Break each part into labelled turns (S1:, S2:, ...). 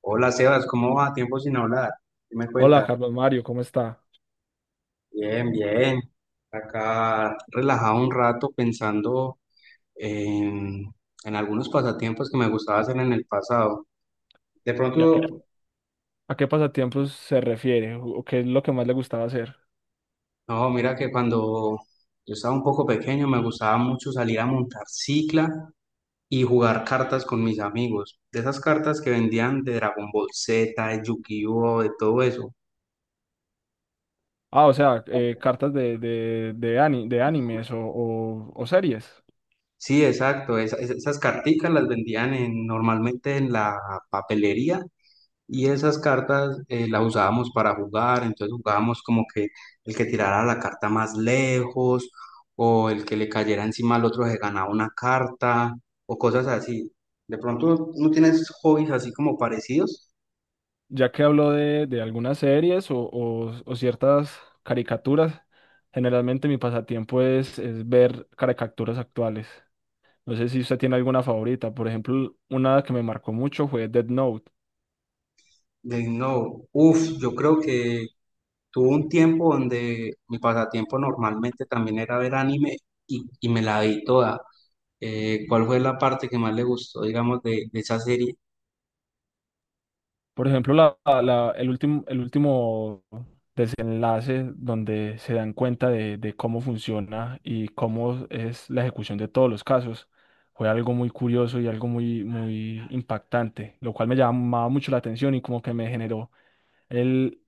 S1: Hola Sebas, ¿cómo va? Tiempo sin hablar. ¿Qué me
S2: Hola,
S1: cuentas?
S2: Carlos Mario, ¿cómo está?
S1: Bien, bien. Acá relajado un rato pensando en, en algunos pasatiempos que me gustaba hacer en el pasado. De
S2: ¿Y
S1: pronto,
S2: a qué pasatiempos se refiere? ¿O qué es lo que más le gustaba hacer?
S1: no, mira que cuando yo estaba un poco pequeño me gustaba mucho salir a montar cicla y jugar cartas con mis amigos. De esas cartas que vendían de Dragon Ball Z, de Yu-Gi-Oh, de todo eso.
S2: Ah, o sea, cartas de de animes o o series.
S1: Sí, exacto. Esas carticas las vendían normalmente en la papelería. Y esas cartas las usábamos para jugar, entonces jugábamos como que el que tirara la carta más lejos o el que le cayera encima al otro se ganaba una carta o cosas así. De pronto no tienes hobbies así como parecidos.
S2: Ya que habló de algunas series o o ciertas caricaturas, generalmente mi pasatiempo es ver caricaturas actuales. No sé si usted tiene alguna favorita. Por ejemplo, una que me marcó mucho fue Dead Note.
S1: De, no, uff, yo creo que tuve un tiempo donde mi pasatiempo normalmente también era ver anime y me la vi toda. ¿Cuál fue la parte que más le gustó, digamos, de esa serie?
S2: Por ejemplo, el último desenlace donde se dan cuenta de cómo funciona y cómo es la ejecución de todos los casos fue algo muy curioso y algo muy, muy impactante, lo cual me llamaba mucho la atención y como que me generó el,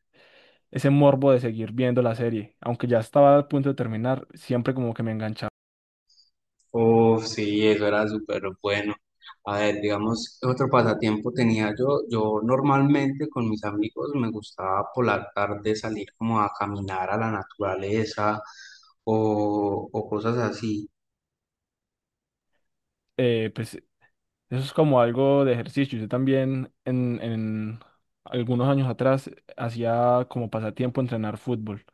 S2: ese morbo de seguir viendo la serie. Aunque ya estaba a punto de terminar, siempre como que me enganchaba.
S1: Uf, sí, eso era súper bueno. A ver, digamos, otro pasatiempo tenía yo. Yo normalmente con mis amigos me gustaba por la tarde salir como a caminar a la naturaleza o cosas así.
S2: Eh, pues. Eso es como algo de ejercicio. Yo también en algunos años atrás hacía como pasatiempo entrenar fútbol.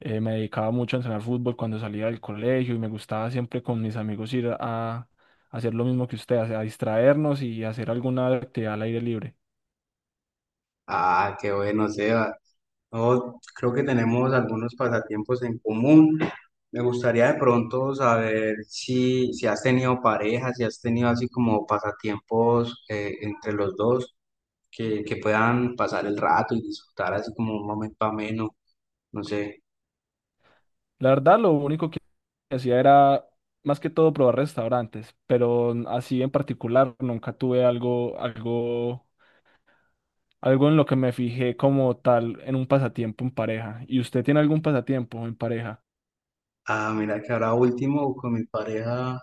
S2: Me dedicaba mucho a entrenar fútbol cuando salía del colegio y me gustaba siempre con mis amigos ir a, hacer lo mismo que usted, a distraernos y hacer alguna actividad al aire libre.
S1: Ah, qué bueno, Seba. No, creo que tenemos algunos pasatiempos en común. Me gustaría de pronto saber si has tenido pareja, si has tenido así como pasatiempos entre los dos, que puedan pasar el rato y disfrutar así como un momento ameno, no sé.
S2: La verdad, lo único que hacía era más que todo probar restaurantes, pero así en particular nunca tuve algo, algo algo en lo que me fijé como tal en un pasatiempo en pareja. ¿Y usted tiene algún pasatiempo en pareja?
S1: Ah, mira que ahora último con mi pareja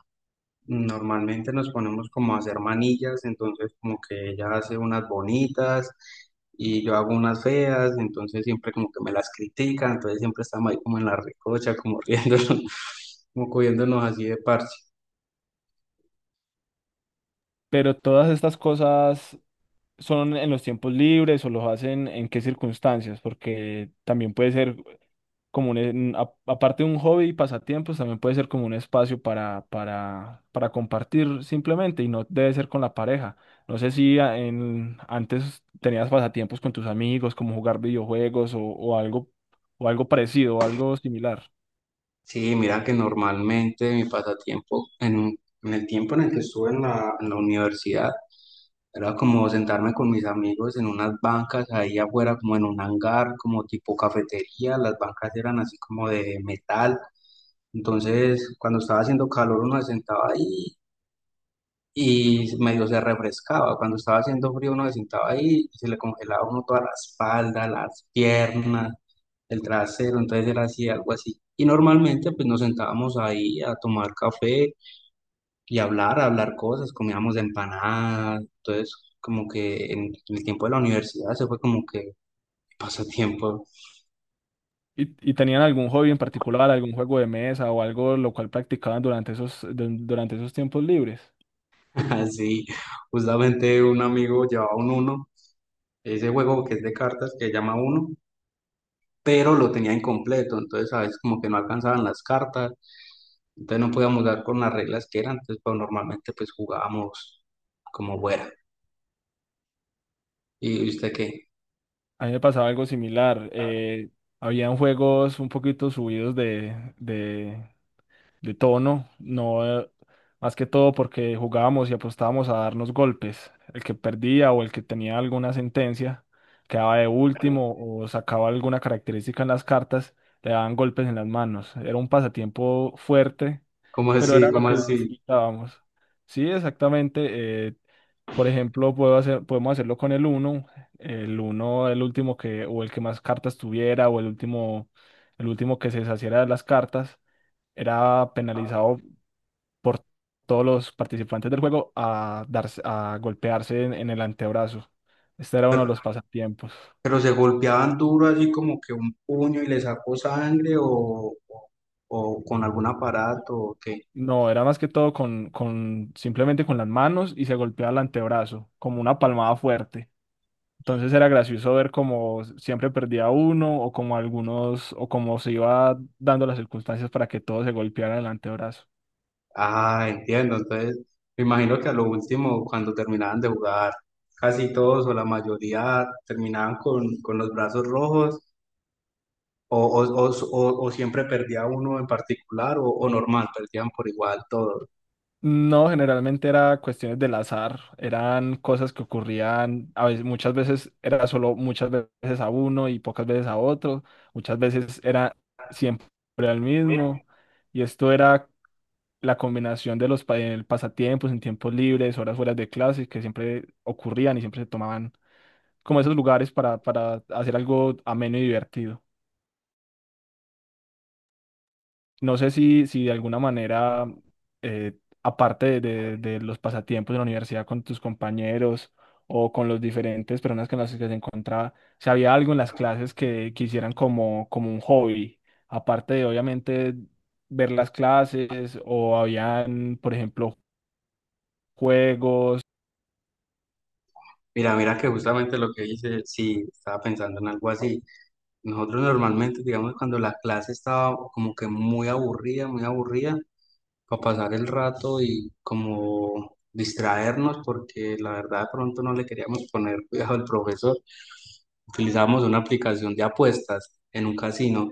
S1: normalmente nos ponemos como a hacer manillas, entonces como que ella hace unas bonitas y yo hago unas feas, entonces siempre como que me las critican, entonces siempre estamos ahí como en la recocha, como riéndonos, como cogiéndonos así de parche.
S2: Pero todas estas cosas son en los tiempos libres o los hacen en qué circunstancias, porque también puede ser como aparte de un hobby y pasatiempos, también puede ser como un espacio para compartir simplemente y no debe ser con la pareja. No sé si antes tenías pasatiempos con tus amigos, como jugar videojuegos o algo parecido o algo similar.
S1: Sí, mira que normalmente mi pasatiempo en el tiempo en el que estuve en la universidad, era como sentarme con mis amigos en unas bancas ahí afuera, como en un hangar, como tipo cafetería. Las bancas eran así como de metal. Entonces, cuando estaba haciendo calor, uno se sentaba ahí y medio se refrescaba. Cuando estaba haciendo frío, uno se sentaba ahí y se le congelaba a uno toda la espalda, las piernas, el trasero. Entonces era así, algo así. Y normalmente, pues nos sentábamos ahí a tomar café y hablar cosas, comíamos empanadas, entonces como que en el tiempo de la universidad se fue como que pasatiempo.
S2: Y tenían algún hobby en particular, algún juego de mesa o algo lo cual practicaban durante esos, durante esos tiempos libres?
S1: Así, justamente un amigo llevaba un uno, ese juego que es de cartas que se llama uno, pero lo tenía incompleto, entonces a veces como que no alcanzaban las cartas, entonces no podíamos dar con las reglas que eran, entonces pues normalmente pues jugábamos como fuera. ¿Y usted qué?
S2: A mí me pasaba algo similar. Habían juegos un poquito subidos de tono, no, más que todo porque jugábamos y apostábamos a darnos golpes. El que perdía o el que tenía alguna sentencia quedaba de último o sacaba alguna característica en las cartas, le daban golpes en las manos. Era un pasatiempo fuerte,
S1: ¿Cómo
S2: pero
S1: así?
S2: era lo
S1: ¿Cómo
S2: que
S1: así?
S2: disfrutábamos. Sí, exactamente. Por ejemplo, puedo hacer, podemos hacerlo con el uno, el uno el último que, o el que más cartas tuviera, o el último que se deshaciera de las cartas, era penalizado por todos los participantes del juego a darse, a golpearse en el antebrazo. Este era uno de los pasatiempos.
S1: Pero se golpeaban duro, así como que un puño y le sacó sangre o con algún aparato o qué.
S2: No, era más que todo con simplemente con las manos y se golpeaba el antebrazo, como una palmada fuerte. Entonces era gracioso ver cómo siempre perdía uno o como algunos o cómo se iba dando las circunstancias para que todos se golpearan el antebrazo.
S1: Ah, entiendo. Entonces, me imagino que a lo último, cuando terminaban de jugar, casi todos o la mayoría terminaban con los brazos rojos o, o, o, o siempre perdía uno en particular o normal, perdían por igual todos.
S2: No, generalmente era cuestiones del azar, eran cosas que ocurrían, a veces, muchas veces era solo muchas veces a uno y pocas veces a otro, muchas veces era siempre al mismo, y esto era la combinación de los el pasatiempos en tiempos libres, horas fuera de clase, que siempre ocurrían y siempre se tomaban como esos lugares para hacer algo ameno y divertido. No sé si, si de alguna manera, eh, aparte de los pasatiempos de la universidad con tus compañeros o con los diferentes personas con las que se encontraba, si había algo en las clases que quisieran como, como un hobby, aparte de obviamente ver las clases o habían, por ejemplo, juegos.
S1: Mira, mira que justamente lo que dice, sí, estaba pensando en algo así. Nosotros normalmente, digamos, cuando la clase estaba como que muy aburrida, para pasar el rato y como distraernos, porque la verdad de pronto no le queríamos poner cuidado al profesor, utilizábamos una aplicación de apuestas en un casino.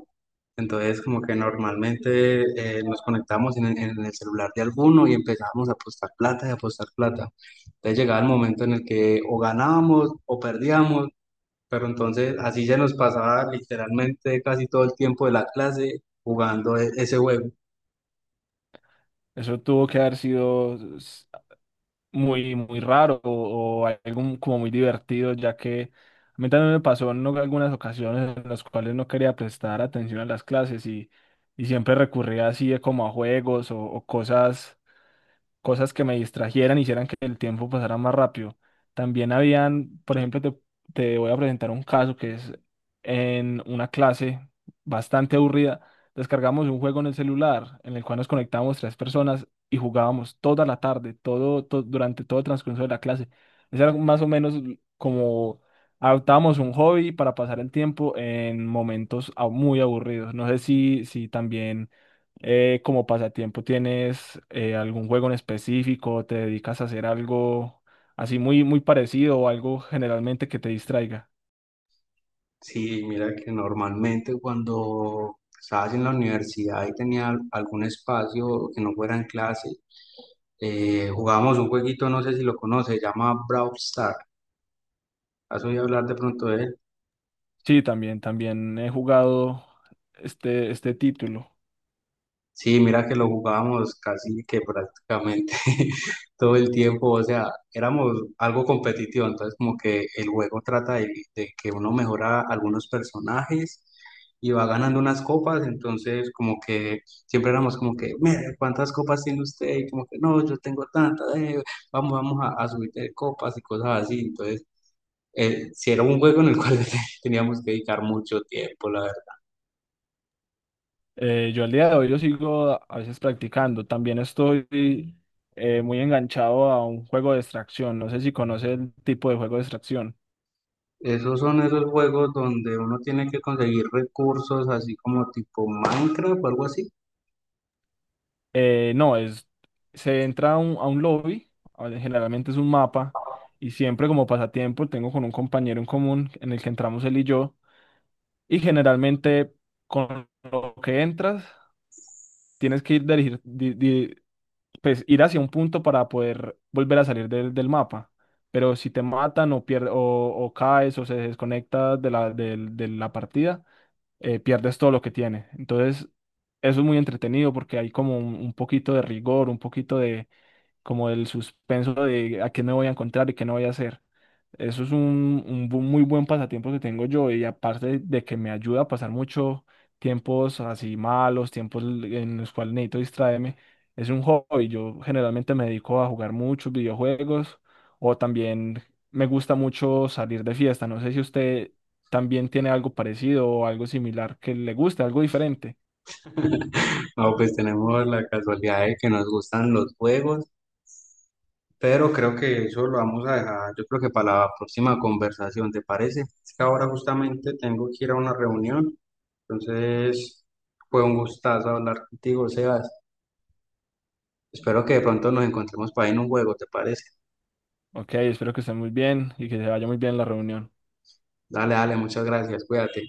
S1: Entonces, como que normalmente nos conectábamos en el celular de alguno y empezábamos a apostar plata y a apostar plata. Entonces llegaba el momento en el que o ganábamos o perdíamos, pero entonces así se nos pasaba literalmente casi todo el tiempo de la clase jugando ese juego.
S2: Eso tuvo que haber sido muy, muy raro o algo como muy divertido, ya que a mí también me pasó en algunas ocasiones en las cuales no quería prestar atención a las clases y siempre recurría así como a juegos o cosas cosas que me distrajeran, hicieran que el tiempo pasara más rápido. También habían, por ejemplo, te voy a presentar un caso que es en una clase bastante aburrida. Descargamos un juego en el celular en el cual nos conectábamos tres personas y jugábamos toda la tarde, todo, durante todo el transcurso de la clase. Eso era más o menos como adoptábamos un hobby para pasar el tiempo en momentos muy aburridos. No sé si, si también como pasatiempo tienes ¿algún juego en específico? ¿Te dedicas a hacer algo así muy, muy parecido o algo generalmente que te distraiga?
S1: Sí, mira que normalmente cuando estabas en la universidad y tenía algún espacio que no fuera en clase, jugábamos un jueguito, no sé si lo conoces, se llama Brawl Stars. ¿Has oído hablar de pronto de él?
S2: Sí, también, también he jugado este, este título.
S1: Sí, mira que lo jugábamos casi que prácticamente todo el tiempo, o sea, éramos algo competitivo, entonces como que el juego trata de que uno mejora algunos personajes y va ganando unas copas, entonces como que siempre éramos como que, mire, ¿cuántas copas tiene usted? Y como que, no, yo tengo tantas, vamos, a subir de copas y cosas así, entonces sí era un juego en el cual teníamos que dedicar mucho tiempo, la.
S2: Yo al día de hoy lo sigo a veces practicando. También estoy muy enganchado a un juego de extracción. No sé si conoces el tipo de juego de extracción.
S1: Esos son esos juegos donde uno tiene que conseguir recursos, así como tipo Minecraft o algo así.
S2: No, es, se entra a un lobby, a ver, generalmente es un mapa, y siempre como pasatiempo tengo con un compañero en común en el que entramos él y yo, y generalmente con lo que entras tienes que ir, pues, ir hacia un punto para poder volver a salir del, del mapa, pero si te matan o caes o se desconectas de la, de la partida, pierdes todo lo que tienes. Entonces, eso es muy entretenido porque hay como un poquito de rigor, un poquito de como el suspenso de a qué me voy a encontrar y qué no voy a hacer. Eso es un, muy buen pasatiempo que tengo yo y aparte de que me ayuda a pasar mucho tiempos así malos, tiempos en los cuales necesito distraerme, es un hobby. Yo generalmente me dedico a jugar muchos videojuegos o también me gusta mucho salir de fiesta. No sé si usted también tiene algo parecido o algo similar que le guste, algo diferente.
S1: No, pues tenemos la casualidad de que nos gustan los juegos, pero creo que eso lo vamos a dejar, yo creo que para la próxima conversación, ¿te parece? Es que ahora justamente tengo que ir a una reunión, entonces fue un gustazo hablar contigo, Sebas. Espero que de pronto nos encontremos para ir en un juego, ¿te parece?
S2: Ok, espero que esté muy bien y que se vaya muy bien la reunión.
S1: Dale, dale, muchas gracias, cuídate.